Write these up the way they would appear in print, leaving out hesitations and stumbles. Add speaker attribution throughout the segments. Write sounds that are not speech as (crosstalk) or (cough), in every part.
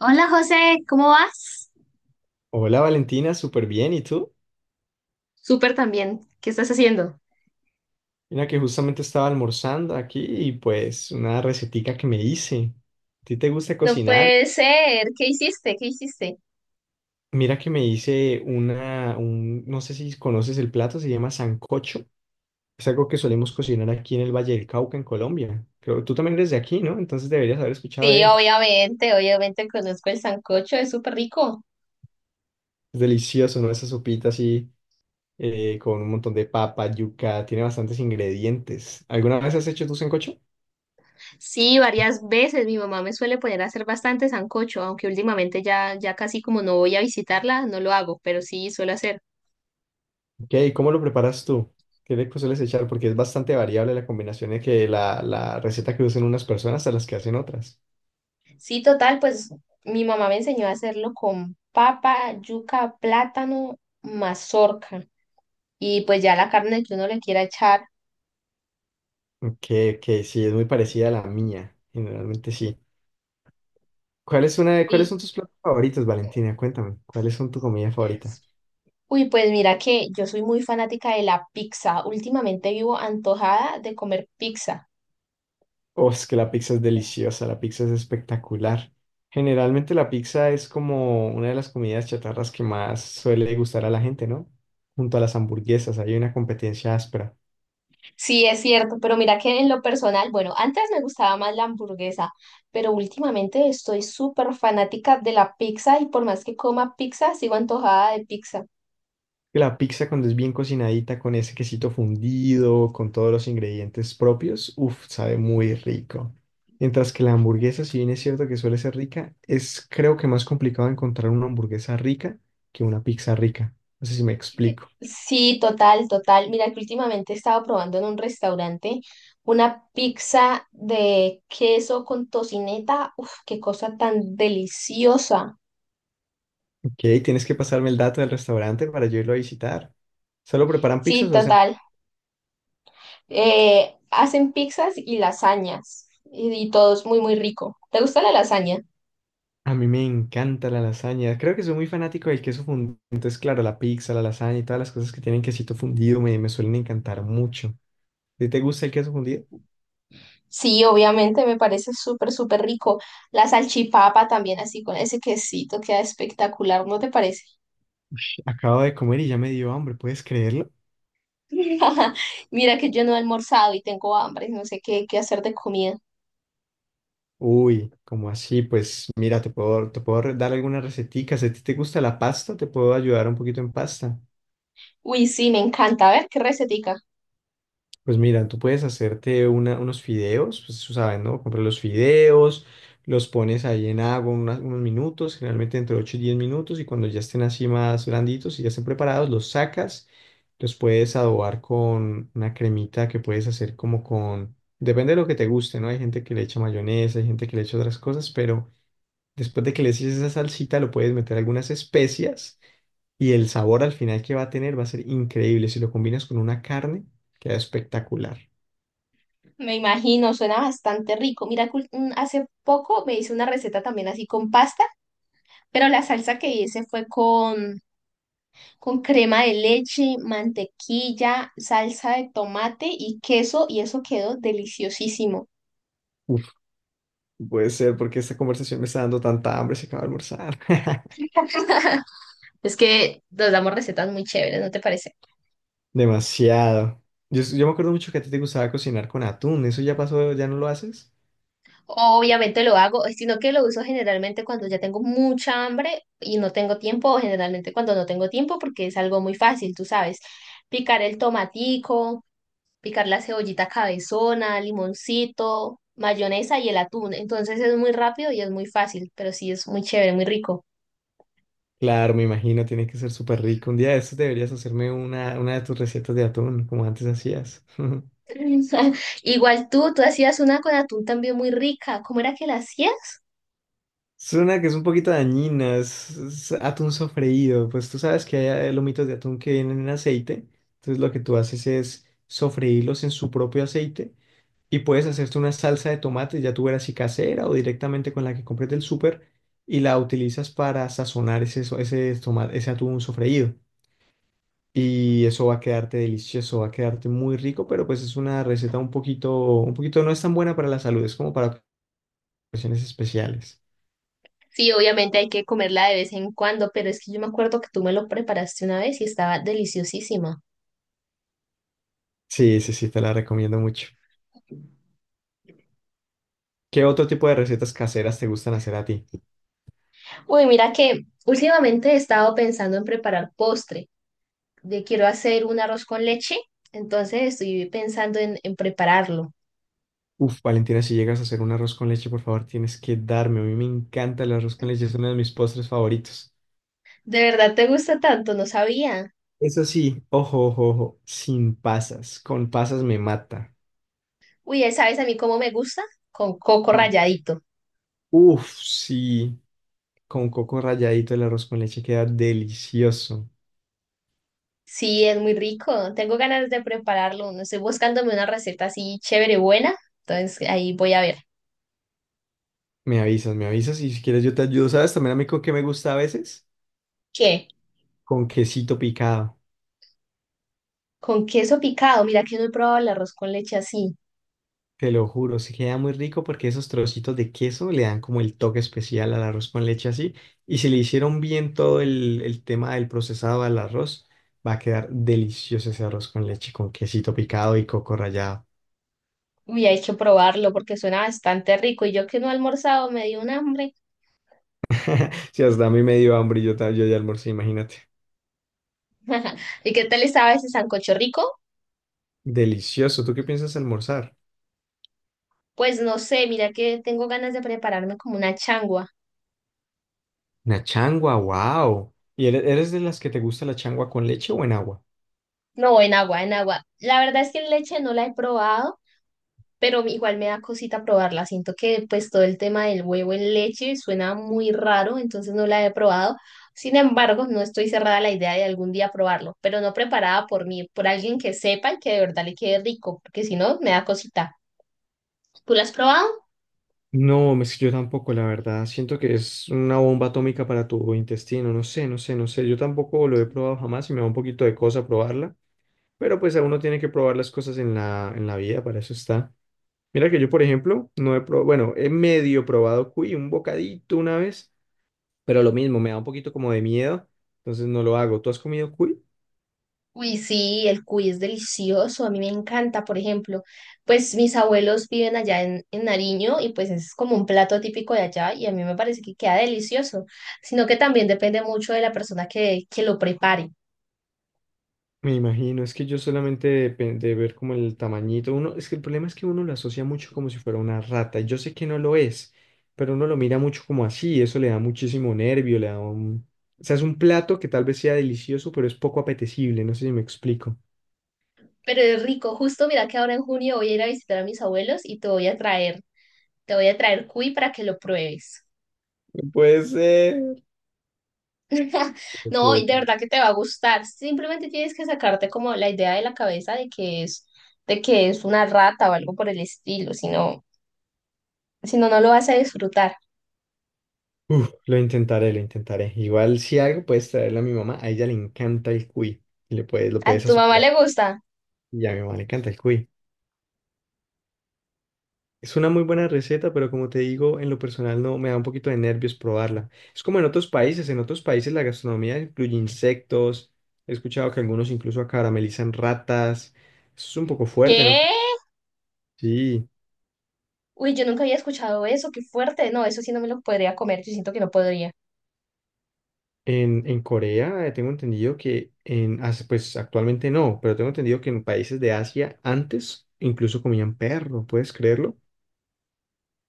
Speaker 1: Hola José, ¿cómo vas?
Speaker 2: Hola Valentina, súper bien. ¿Y tú?
Speaker 1: Súper también. ¿Qué estás haciendo?
Speaker 2: Mira que justamente estaba almorzando aquí y pues una recetica que me hice. ¿A ti te gusta
Speaker 1: No
Speaker 2: cocinar?
Speaker 1: puede ser, ¿qué hiciste? ¿Qué hiciste?
Speaker 2: Mira que me hice no sé si conoces el plato, se llama sancocho. Es algo que solemos cocinar aquí en el Valle del Cauca, en Colombia. Creo, tú también eres de aquí, ¿no? Entonces deberías haber escuchado de
Speaker 1: Sí,
Speaker 2: él.
Speaker 1: obviamente, obviamente conozco el sancocho, es súper rico.
Speaker 2: Es delicioso, ¿no? Esa sopita así con un montón de papa, yuca, tiene bastantes ingredientes. ¿Alguna vez has hecho tu sancocho?
Speaker 1: Sí, varias veces mi mamá me suele poner a hacer bastante sancocho, aunque últimamente ya casi como no voy a visitarla, no lo hago, pero sí suelo hacer.
Speaker 2: Ok, ¿cómo lo preparas tú? ¿Qué le sueles echar? Porque es bastante variable la combinación de que la receta que usan unas personas a las que hacen otras.
Speaker 1: Sí, total, pues mi mamá me enseñó a hacerlo con papa, yuca, plátano, mazorca y pues ya la carne que uno le quiera echar.
Speaker 2: Ok, ok, sí, es muy parecida a la mía. Generalmente sí. Cuáles son tus platos favoritos, Valentina? Cuéntame, ¿cuáles son tu comida favorita?
Speaker 1: Uy, pues mira que yo soy muy fanática de la pizza. Últimamente vivo antojada de comer pizza.
Speaker 2: Oh, es que la pizza es deliciosa, la pizza es espectacular. Generalmente la pizza es como una de las comidas chatarras que más suele gustar a la gente, ¿no? Junto a las hamburguesas, hay una competencia áspera.
Speaker 1: Sí, es cierto, pero mira que en lo personal, bueno, antes me gustaba más la hamburguesa, pero últimamente estoy súper fanática de la pizza y por más que coma pizza, sigo antojada de pizza.
Speaker 2: La pizza cuando es bien cocinadita, con ese quesito fundido, con todos los ingredientes propios, uff, sabe muy rico. Mientras que la hamburguesa, si bien es cierto que suele ser rica, es creo que más complicado encontrar una hamburguesa rica que una pizza rica. No sé si me explico.
Speaker 1: Sí, total, total. Mira que últimamente he estado probando en un restaurante una pizza de queso con tocineta. Uf, qué cosa tan deliciosa.
Speaker 2: Ok, tienes que pasarme el dato del restaurante para yo irlo a visitar. ¿Solo preparan
Speaker 1: Sí,
Speaker 2: pizzas o hacen?
Speaker 1: total. Hacen pizzas y lasañas y todo es muy, muy rico. ¿Te gusta la lasaña?
Speaker 2: A mí me encanta la lasaña. Creo que soy muy fanático del queso fundido. Entonces, claro, la pizza, la lasaña y todas las cosas que tienen quesito fundido me suelen encantar mucho. ¿Sí te gusta el queso fundido?
Speaker 1: Sí, obviamente, me parece súper, súper rico. La salchipapa también, así con ese quesito, queda espectacular, ¿no te parece?
Speaker 2: Acabo de comer y ya me dio hambre, ¿puedes creerlo?
Speaker 1: (laughs) Mira que yo no he almorzado y tengo hambre, no sé qué, qué hacer de comida.
Speaker 2: Uy, como así? Pues mira, te puedo dar algunas receticas. Si a ti te gusta la pasta, te puedo ayudar un poquito en pasta.
Speaker 1: Uy, sí, me encanta. A ver, qué recetica.
Speaker 2: Pues mira, tú puedes hacerte unos fideos, pues tú sabes, ¿no? Compras los fideos, los pones ahí en agua unos minutos, generalmente entre 8 y 10 minutos, y cuando ya estén así más blanditos y ya estén preparados, los sacas, los puedes adobar con una cremita que puedes hacer como con, depende de lo que te guste, ¿no? Hay gente que le echa mayonesa, hay gente que le echa otras cosas, pero después de que le eches esa salsita, lo puedes meter algunas especias y el sabor al final que va a tener va a ser increíble. Si lo combinas con una carne, queda espectacular.
Speaker 1: Me imagino, suena bastante rico. Mira, que hace poco me hice una receta también así con pasta, pero la salsa que hice fue con crema de leche, mantequilla, salsa de tomate y queso, y eso quedó deliciosísimo.
Speaker 2: Uf, puede ser porque esta conversación me está dando tanta hambre, se acaba de almorzar. (laughs)
Speaker 1: (laughs) Es que nos damos recetas muy chéveres, ¿no te parece?
Speaker 2: Demasiado. Yo me acuerdo mucho que a ti te gustaba cocinar con atún. ¿Eso ya pasó? ¿Ya no lo haces?
Speaker 1: Obviamente lo hago, sino que lo uso generalmente cuando ya tengo mucha hambre y no tengo tiempo, o generalmente cuando no tengo tiempo, porque es algo muy fácil, tú sabes. Picar el tomatico, picar la cebollita cabezona, limoncito, mayonesa y el atún. Entonces es muy rápido y es muy fácil, pero sí es muy chévere, muy rico.
Speaker 2: Claro, me imagino, tiene que ser súper rico. Un día de estos deberías hacerme una de tus recetas de atún, como antes hacías. (laughs)
Speaker 1: (laughs) Igual tú hacías una con atún también muy rica. ¿Cómo era que la hacías?
Speaker 2: Es una que es un poquito dañina, es atún sofreído. Pues tú sabes que hay lomitos de atún que vienen en aceite. Entonces lo que tú haces es sofreírlos en su propio aceite y puedes hacerte una salsa de tomate, ya tú verás si casera o directamente con la que compres del súper y la utilizas para sazonar ese, so- ese, tomate, ese atún sofreído. Y eso va a quedarte delicioso, va a quedarte muy rico, pero pues es una receta un poquito no es tan buena para la salud, es como para ocasiones especiales.
Speaker 1: Sí, obviamente hay que comerla de vez en cuando, pero es que yo me acuerdo que tú me lo preparaste una vez y estaba deliciosísima.
Speaker 2: Sí, sí, sí, te la recomiendo mucho. ¿Qué otro tipo de recetas caseras te gustan hacer a ti?
Speaker 1: Uy, mira que últimamente he estado pensando en preparar postre. De quiero hacer un arroz con leche, entonces estoy pensando en prepararlo.
Speaker 2: Uf, Valentina, si llegas a hacer un arroz con leche, por favor, tienes que darme. A mí me encanta el arroz con leche, es uno de mis postres favoritos.
Speaker 1: ¿De verdad te gusta tanto? No sabía.
Speaker 2: Eso sí, ojo, ojo, ojo, sin pasas. Con pasas me mata.
Speaker 1: Uy, ¿sabes a mí cómo me gusta? Con coco
Speaker 2: Mm.
Speaker 1: ralladito.
Speaker 2: Uf, sí, con coco ralladito el arroz con leche queda delicioso.
Speaker 1: Sí, es muy rico. Tengo ganas de prepararlo. No estoy buscándome una receta así chévere, buena. Entonces ahí voy a ver.
Speaker 2: Me avisas y si quieres yo te ayudo. ¿Sabes también a mí con qué me gusta a veces?
Speaker 1: ¿Qué?
Speaker 2: Con quesito picado.
Speaker 1: Con queso picado. Mira que no he probado el arroz con leche así.
Speaker 2: Te lo juro, sí queda muy rico porque esos trocitos de queso le dan como el toque especial al arroz con leche así. Y si le hicieron bien todo el tema del procesado al arroz, va a quedar delicioso ese arroz con leche con quesito picado y coco rallado.
Speaker 1: Uy, hay que probarlo porque suena bastante rico. Y yo que no he almorzado me dio un hambre.
Speaker 2: (laughs) Si hasta a mí me dio hambre, y yo, ta- yo ya almorcé, imagínate.
Speaker 1: ¿Y qué tal estaba ese sancocho rico?
Speaker 2: Delicioso. ¿Tú qué piensas almorzar?
Speaker 1: Pues no sé, mira que tengo ganas de prepararme como una changua.
Speaker 2: Una changua, wow. ¿Y eres de las que te gusta la changua con leche o en agua?
Speaker 1: No, en agua, en agua. La verdad es que en leche no la he probado, pero igual me da cosita probarla. Siento que pues todo el tema del huevo en leche suena muy raro, entonces no la he probado. Sin embargo, no estoy cerrada a la idea de algún día probarlo, pero no preparada por mí, por alguien que sepa y que de verdad le quede rico, porque si no, me da cosita. ¿Tú la has probado?
Speaker 2: No, es que yo tampoco, la verdad. Siento que es una bomba atómica para tu intestino. No sé, no sé, no sé. Yo tampoco lo he probado jamás y me da un poquito de cosa probarla. Pero pues a uno tiene que probar las cosas en la vida, para eso está. Mira que yo, por ejemplo, no he probado, bueno, he medio probado cuy, un bocadito una vez, pero lo mismo, me da un poquito como de miedo, entonces no lo hago. ¿Tú has comido cuy?
Speaker 1: Uy, sí, el cuy es delicioso, a mí me encanta, por ejemplo, pues mis abuelos viven allá en Nariño y pues es como un plato típico de allá y a mí me parece que queda delicioso, sino que también depende mucho de la persona que lo prepare.
Speaker 2: Me imagino, es que yo solamente de, pe- de ver como el tamañito, uno, es que el problema es que uno lo asocia mucho como si fuera una rata, y yo sé que no lo es, pero uno lo mira mucho como así, y eso le da muchísimo nervio, le da un... O sea, es un plato que tal vez sea delicioso, pero es poco apetecible, no sé si me explico.
Speaker 1: Pero es rico, justo mira que ahora en junio voy a ir a visitar a mis abuelos y te voy a traer, te voy a traer cuy para que lo pruebes.
Speaker 2: Puede ser.
Speaker 1: (laughs)
Speaker 2: Ok,
Speaker 1: No, y de
Speaker 2: ok.
Speaker 1: verdad que te va a gustar. Simplemente tienes que sacarte como la idea de la cabeza de que es una rata o algo por el estilo, si no, si no, no lo vas a disfrutar.
Speaker 2: Uf, lo intentaré, lo intentaré. Igual si algo puedes traerle a mi mamá, a ella le encanta el cuy, y le puedes, lo
Speaker 1: ¿A
Speaker 2: puedes
Speaker 1: tu mamá
Speaker 2: asociar,
Speaker 1: le gusta?
Speaker 2: y a mi mamá le encanta el cuy. Es una muy buena receta, pero como te digo, en lo personal no me da un poquito de nervios probarla. Es como en otros países la gastronomía incluye insectos. He escuchado que algunos incluso caramelizan ratas. Eso es un poco fuerte, ¿no?
Speaker 1: ¿Qué?
Speaker 2: Sí.
Speaker 1: Uy, yo nunca había escuchado eso, qué fuerte. No, eso sí no me lo podría comer, yo siento que no podría.
Speaker 2: En Corea, tengo entendido que pues actualmente no, pero tengo entendido que en países de Asia antes incluso comían perro, ¿puedes creerlo?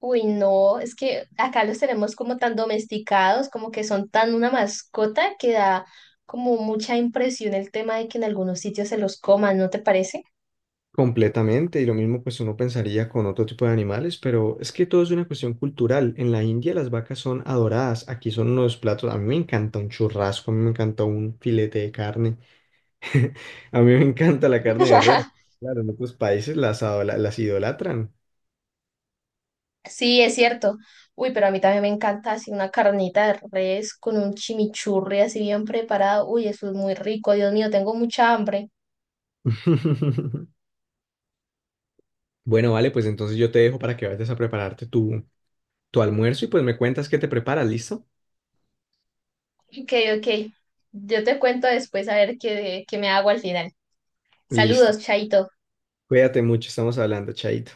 Speaker 1: Uy, no, es que acá los tenemos como tan domesticados, como que son tan una mascota que da como mucha impresión el tema de que en algunos sitios se los coman, ¿no te parece?
Speaker 2: Completamente, y lo mismo pues uno pensaría con otro tipo de animales, pero es que todo es una cuestión cultural. En la India las vacas son adoradas, aquí son unos platos, a mí me encanta un churrasco, a mí me encanta un filete de carne, (laughs) a mí me encanta la carne de res.
Speaker 1: (laughs)
Speaker 2: Claro, en otros países las idolatran.
Speaker 1: Sí, es cierto. Uy, pero a mí también me encanta así una carnita de res con un chimichurri así bien preparado. Uy, eso es muy rico. Dios mío, tengo mucha hambre.
Speaker 2: (laughs) Bueno, vale, pues entonces yo te dejo para que vayas a prepararte tu almuerzo y pues me cuentas qué te preparas, ¿listo?
Speaker 1: Ok, ok. Yo te cuento después a ver qué, qué me hago al final.
Speaker 2: Listo.
Speaker 1: Saludos, Chaito.
Speaker 2: Cuídate mucho, estamos hablando, chaito.